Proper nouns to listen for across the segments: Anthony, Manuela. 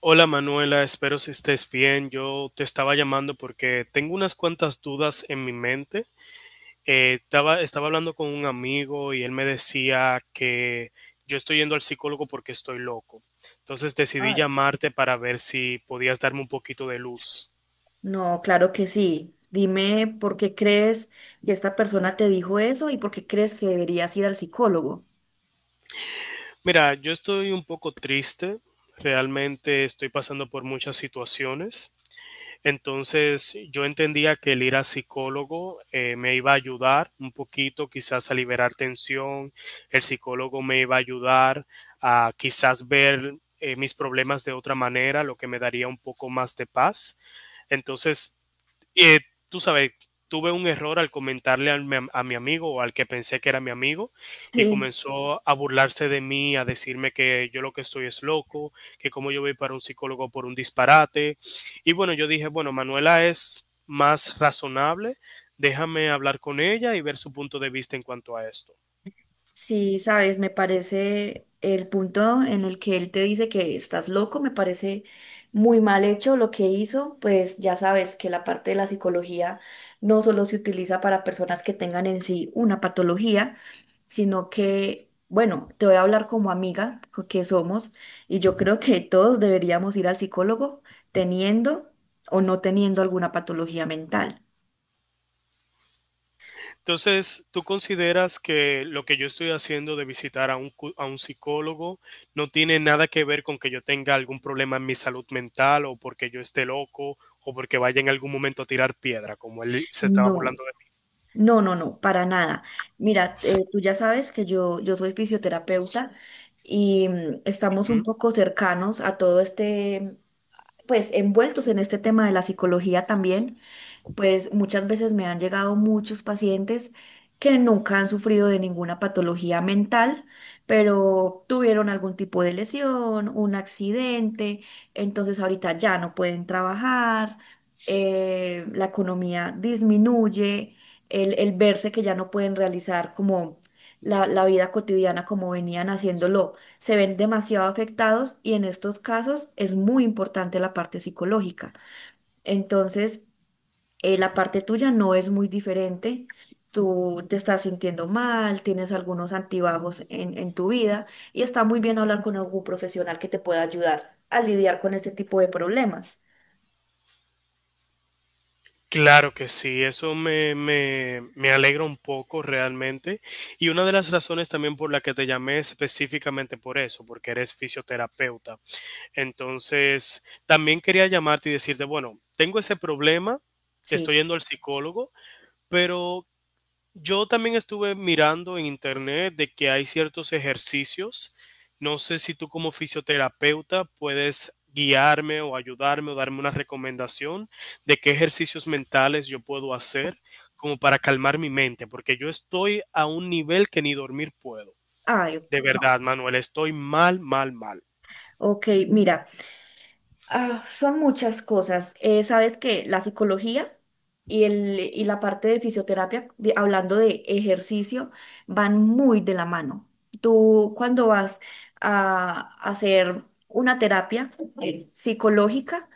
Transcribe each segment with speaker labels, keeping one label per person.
Speaker 1: Hola Manuela, espero que estés bien. Yo te estaba llamando porque tengo unas cuantas dudas en mi mente. Estaba hablando con un amigo y él me decía que yo estoy yendo al psicólogo porque estoy loco. Entonces decidí
Speaker 2: Ay.
Speaker 1: llamarte para ver si podías darme un poquito de luz.
Speaker 2: No, claro que sí. Dime por qué crees que esta persona te dijo eso y por qué crees que deberías ir al psicólogo.
Speaker 1: Mira, yo estoy un poco triste. Realmente estoy pasando por muchas situaciones. Entonces yo entendía que el ir a psicólogo me iba a ayudar un poquito quizás a liberar tensión, el psicólogo me iba a ayudar a quizás ver mis problemas de otra manera, lo que me daría un poco más de paz. Entonces, eh, tú sabes, tuve un error al comentarle a mi amigo o al que pensé que era mi amigo, y
Speaker 2: Sí.
Speaker 1: comenzó a burlarse de mí, a decirme que yo lo que estoy es loco, que como yo voy para un psicólogo por un disparate. Y bueno, yo dije, bueno, Manuela es más razonable, déjame hablar con ella y ver su punto de vista en cuanto a esto.
Speaker 2: Sí, sabes, me parece el punto en el que él te dice que estás loco, me parece muy mal hecho lo que hizo, pues ya sabes que la parte de la psicología no solo se utiliza para personas que tengan en sí una patología, sino que, bueno, te voy a hablar como amiga que somos y yo creo que todos deberíamos ir al psicólogo teniendo o no teniendo alguna patología mental.
Speaker 1: Entonces, ¿tú consideras que lo que yo estoy haciendo de visitar a a un psicólogo no tiene nada que ver con que yo tenga algún problema en mi salud mental o porque yo esté loco o porque vaya en algún momento a tirar piedra, como él se estaba
Speaker 2: No.
Speaker 1: burlando de mí?
Speaker 2: No, no, no, para nada. Mira, tú ya sabes que yo soy fisioterapeuta y estamos un
Speaker 1: Ujú.
Speaker 2: poco cercanos a todo este, pues envueltos en este tema de la psicología también. Pues muchas veces me han llegado muchos pacientes que nunca han sufrido de ninguna patología mental, pero tuvieron algún tipo de lesión, un accidente, entonces ahorita ya no pueden trabajar, la economía disminuye, el verse que ya no pueden realizar como la vida cotidiana como venían haciéndolo, se ven demasiado afectados y en estos casos es muy importante la parte psicológica. Entonces, la parte tuya no es muy diferente. Tú te estás sintiendo mal, tienes algunos antibajos en tu vida y está muy bien hablar con algún profesional que te pueda ayudar a lidiar con este tipo de problemas.
Speaker 1: Claro que sí, eso me alegra un poco realmente. Y una de las razones también por la que te llamé es específicamente por eso, porque eres fisioterapeuta. Entonces, también quería llamarte y decirte, bueno, tengo ese problema, estoy
Speaker 2: Sí.
Speaker 1: yendo al psicólogo, pero yo también estuve mirando en internet de que hay ciertos ejercicios. No sé si tú como fisioterapeuta puedes guiarme o ayudarme o darme una recomendación de qué ejercicios mentales yo puedo hacer como para calmar mi mente, porque yo estoy a un nivel que ni dormir puedo.
Speaker 2: Ay,
Speaker 1: De verdad, Manuel, estoy mal, mal, mal.
Speaker 2: ok, mira. Ah, son muchas cosas. Sabes que la psicología y la parte de fisioterapia, hablando de ejercicio, van muy de la mano. Tú cuando vas a hacer una terapia psicológica,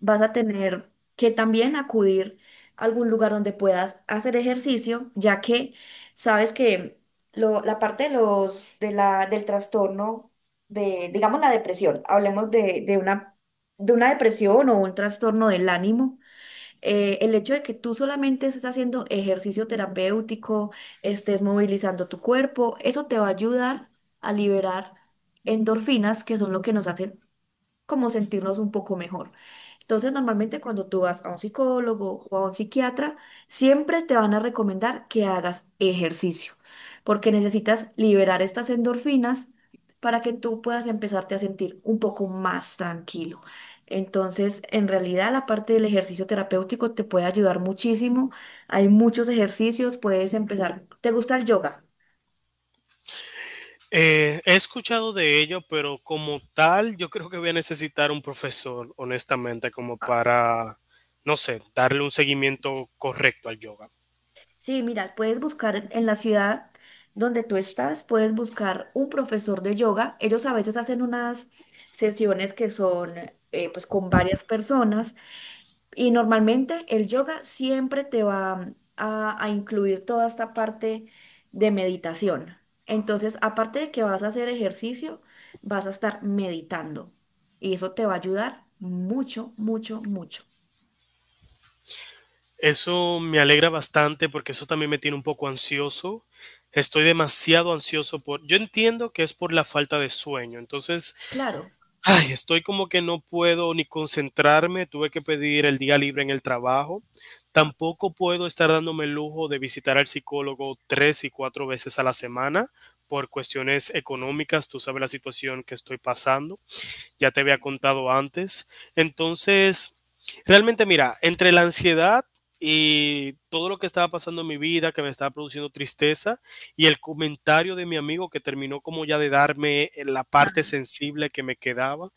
Speaker 2: vas a tener que también acudir a algún lugar donde puedas hacer ejercicio, ya que sabes que la parte de los, del trastorno de, digamos, la depresión, hablemos de una depresión o un trastorno del ánimo, el hecho de que tú solamente estés haciendo ejercicio terapéutico, estés movilizando tu cuerpo, eso te va a ayudar a liberar endorfinas, que son lo que nos hacen como sentirnos un poco mejor. Entonces, normalmente cuando tú vas a un psicólogo o a un psiquiatra, siempre te van a recomendar que hagas ejercicio, porque necesitas liberar estas endorfinas para que tú puedas empezarte a sentir un poco más tranquilo. Entonces, en realidad, la parte del ejercicio terapéutico te puede ayudar muchísimo. Hay muchos ejercicios, puedes empezar. ¿Te gusta el yoga?
Speaker 1: He escuchado de ello, pero como tal, yo creo que voy a necesitar un profesor, honestamente, como no sé, darle un seguimiento correcto al yoga.
Speaker 2: Sí, mira, puedes buscar en la ciudad donde tú estás, puedes buscar un profesor de yoga. Ellos a veces hacen unas sesiones que son pues con varias personas y normalmente el yoga siempre te va a incluir toda esta parte de meditación. Entonces, aparte de que vas a hacer ejercicio, vas a estar meditando y eso te va a ayudar mucho, mucho, mucho.
Speaker 1: Eso me alegra bastante porque eso también me tiene un poco ansioso. Estoy demasiado ansioso por... Yo entiendo que es por la falta de sueño. Entonces,
Speaker 2: Claro.
Speaker 1: ay, estoy como que no puedo ni concentrarme, tuve que pedir el día libre en el trabajo. Tampoco puedo estar dándome el lujo de visitar al psicólogo tres y cuatro veces a la semana por cuestiones económicas. Tú sabes la situación que estoy pasando, ya te había contado antes. Entonces, realmente mira, entre la ansiedad y todo lo que estaba pasando en mi vida, que me estaba produciendo tristeza, y el comentario de mi amigo que terminó como ya de darme la parte
Speaker 2: Ah.
Speaker 1: sensible que me quedaba,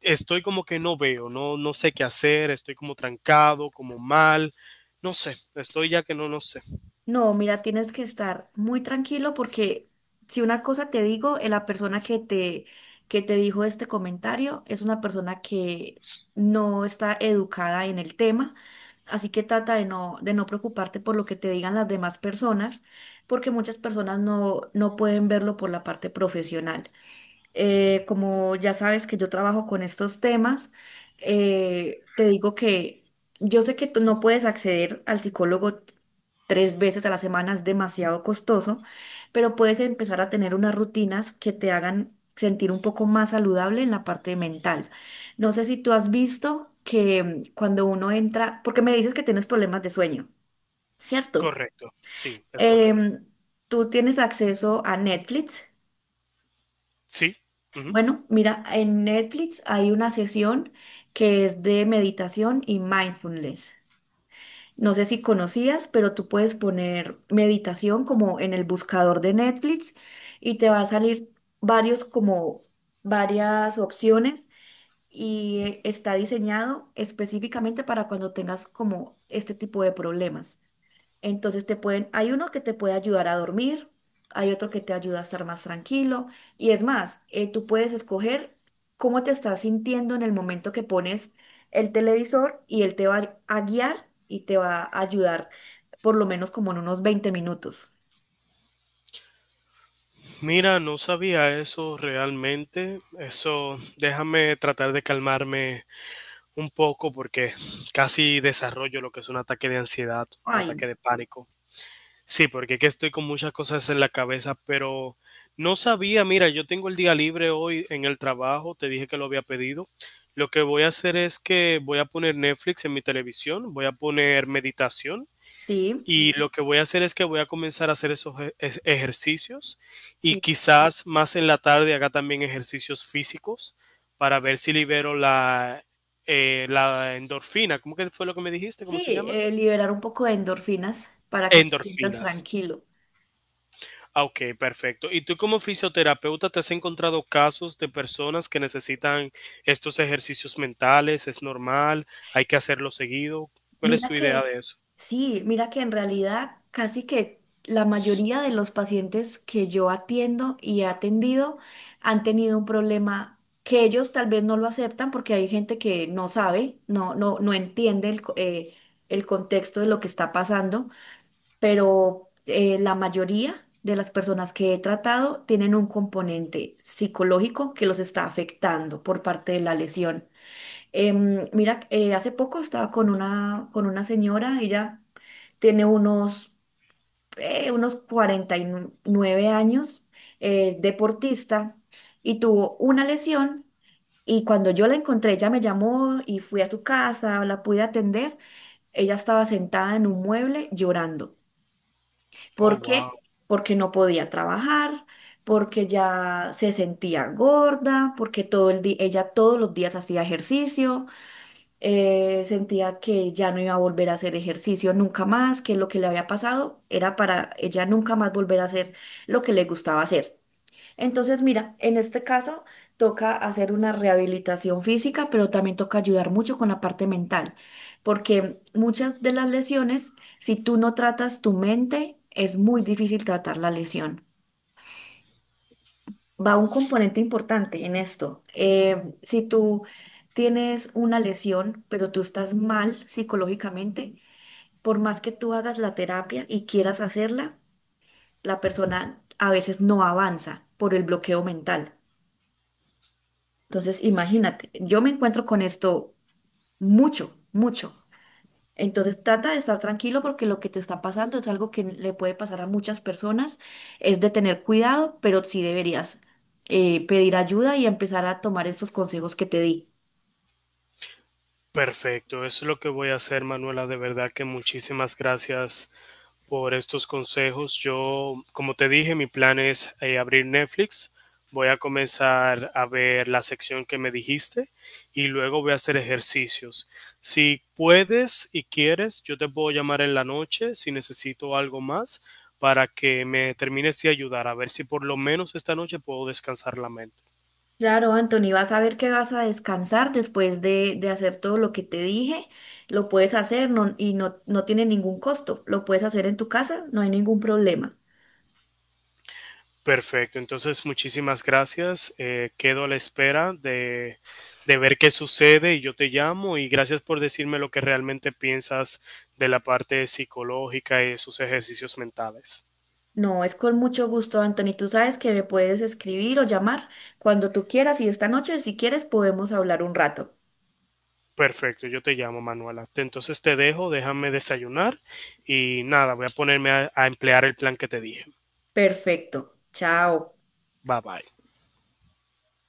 Speaker 1: estoy como que no veo, no, no sé qué hacer, estoy como trancado, como mal, no sé, estoy ya que no, no sé.
Speaker 2: No, mira, tienes que estar muy tranquilo porque si una cosa te digo, la persona que te dijo este comentario es una persona que no está educada en el tema, así que trata de no preocuparte por lo que te digan las demás personas, porque muchas personas no, no pueden verlo por la parte profesional. Como ya sabes que yo trabajo con estos temas, te digo que yo sé que tú no puedes acceder al psicólogo 3 veces a la semana, es demasiado costoso, pero puedes empezar a tener unas rutinas que te hagan sentir un poco más saludable en la parte mental. No sé si tú has visto que cuando uno entra, porque me dices que tienes problemas de sueño, ¿cierto?
Speaker 1: Correcto, sí, es correcto.
Speaker 2: Em, tú tienes acceso a Netflix.
Speaker 1: Sí, ujú.
Speaker 2: Bueno, mira, en Netflix hay una sesión que es de meditación y mindfulness. No sé si conocías, pero tú puedes poner meditación como en el buscador de Netflix y te va a salir varios como varias opciones y está diseñado específicamente para cuando tengas como este tipo de problemas. Entonces te pueden, hay uno que te puede ayudar a dormir, hay otro que te ayuda a estar más tranquilo y es más, tú puedes escoger cómo te estás sintiendo en el momento que pones el televisor y él te va a guiar y te va a ayudar por lo menos como en unos 20 minutos.
Speaker 1: Mira, no sabía eso realmente. Eso, déjame tratar de calmarme un poco porque casi desarrollo lo que es un ataque de ansiedad, un ataque
Speaker 2: Ay,
Speaker 1: de pánico. Sí, porque que estoy con muchas cosas en la cabeza, pero no sabía, mira, yo tengo el día libre hoy en el trabajo, te dije que lo había pedido. Lo que voy a hacer es que voy a poner Netflix en mi televisión, voy a poner meditación,
Speaker 2: sí,
Speaker 1: y lo que voy a hacer es que voy a comenzar a hacer ejercicios, y
Speaker 2: sí,
Speaker 1: quizás más en la tarde haga también ejercicios físicos para ver si libero la endorfina. ¿Cómo que fue lo que me dijiste? ¿Cómo
Speaker 2: sí,
Speaker 1: se llama?
Speaker 2: liberar un poco de endorfinas para que te sientas
Speaker 1: Endorfinas.
Speaker 2: tranquilo.
Speaker 1: Ah, ok, perfecto. ¿Y tú como fisioterapeuta te has encontrado casos de personas que necesitan estos ejercicios mentales? ¿Es normal? ¿Hay que hacerlo seguido? ¿Cuál es
Speaker 2: Mira
Speaker 1: tu idea
Speaker 2: que,
Speaker 1: de eso?
Speaker 2: sí, mira que en realidad casi que la mayoría de los pacientes que yo atiendo y he atendido han tenido un problema que ellos tal vez no lo aceptan porque hay gente que no sabe, no entiende el, el contexto de lo que está pasando, pero la mayoría de las personas que he tratado tienen un componente psicológico que los está afectando por parte de la lesión. Mira, hace poco estaba con una señora, ella tiene unos, unos 49 años, deportista, y tuvo una lesión. Y cuando yo la encontré, ella me llamó y fui a su casa, la pude atender. Ella estaba sentada en un mueble llorando.
Speaker 1: Oh,
Speaker 2: ¿Por
Speaker 1: wow.
Speaker 2: qué? Porque no podía trabajar, porque ya se sentía gorda, porque todo el día, ella todos los días hacía ejercicio sentía que ya no iba a volver a hacer ejercicio nunca más, que lo que le había pasado era para ella nunca más volver a hacer lo que le gustaba hacer. Entonces, mira, en este caso toca hacer una rehabilitación física, pero también toca ayudar mucho con la parte mental, porque muchas de las lesiones, si tú no tratas tu mente, es muy difícil tratar la lesión va un componente importante en esto. Si tú tienes una lesión, pero tú estás mal psicológicamente, por más que tú hagas la terapia y quieras hacerla, la persona a veces no avanza por el bloqueo mental. Entonces, imagínate, yo me encuentro con esto mucho, mucho. Entonces trata de estar tranquilo porque lo que te está pasando es algo que le puede pasar a muchas personas. Es de tener cuidado, pero sí deberías pedir ayuda y empezar a tomar estos consejos que te di.
Speaker 1: Perfecto. Eso es lo que voy a hacer, Manuela. De verdad que muchísimas gracias por estos consejos. Yo, como te dije, mi plan es abrir Netflix. Voy a comenzar a ver la sección que me dijiste y luego voy a hacer ejercicios. Si puedes y quieres, yo te puedo llamar en la noche si necesito algo más para que me termines de ayudar, a ver si por lo menos esta noche puedo descansar la mente.
Speaker 2: Claro, Anthony, vas a ver que vas a descansar después de hacer todo lo que te dije. Lo puedes hacer no tiene ningún costo. Lo puedes hacer en tu casa, no hay ningún problema.
Speaker 1: Perfecto, entonces muchísimas gracias. Quedo a la espera de ver qué sucede y yo te llamo, y gracias por decirme lo que realmente piensas de la parte psicológica y de sus ejercicios mentales.
Speaker 2: No, es con mucho gusto, Anthony. Tú sabes que me puedes escribir o llamar cuando tú quieras y esta noche, si quieres, podemos hablar un rato.
Speaker 1: Perfecto, yo te llamo Manuela. Entonces te dejo, déjame desayunar y nada, voy a ponerme a emplear el plan que te dije.
Speaker 2: Perfecto. Chao.
Speaker 1: Bye bye.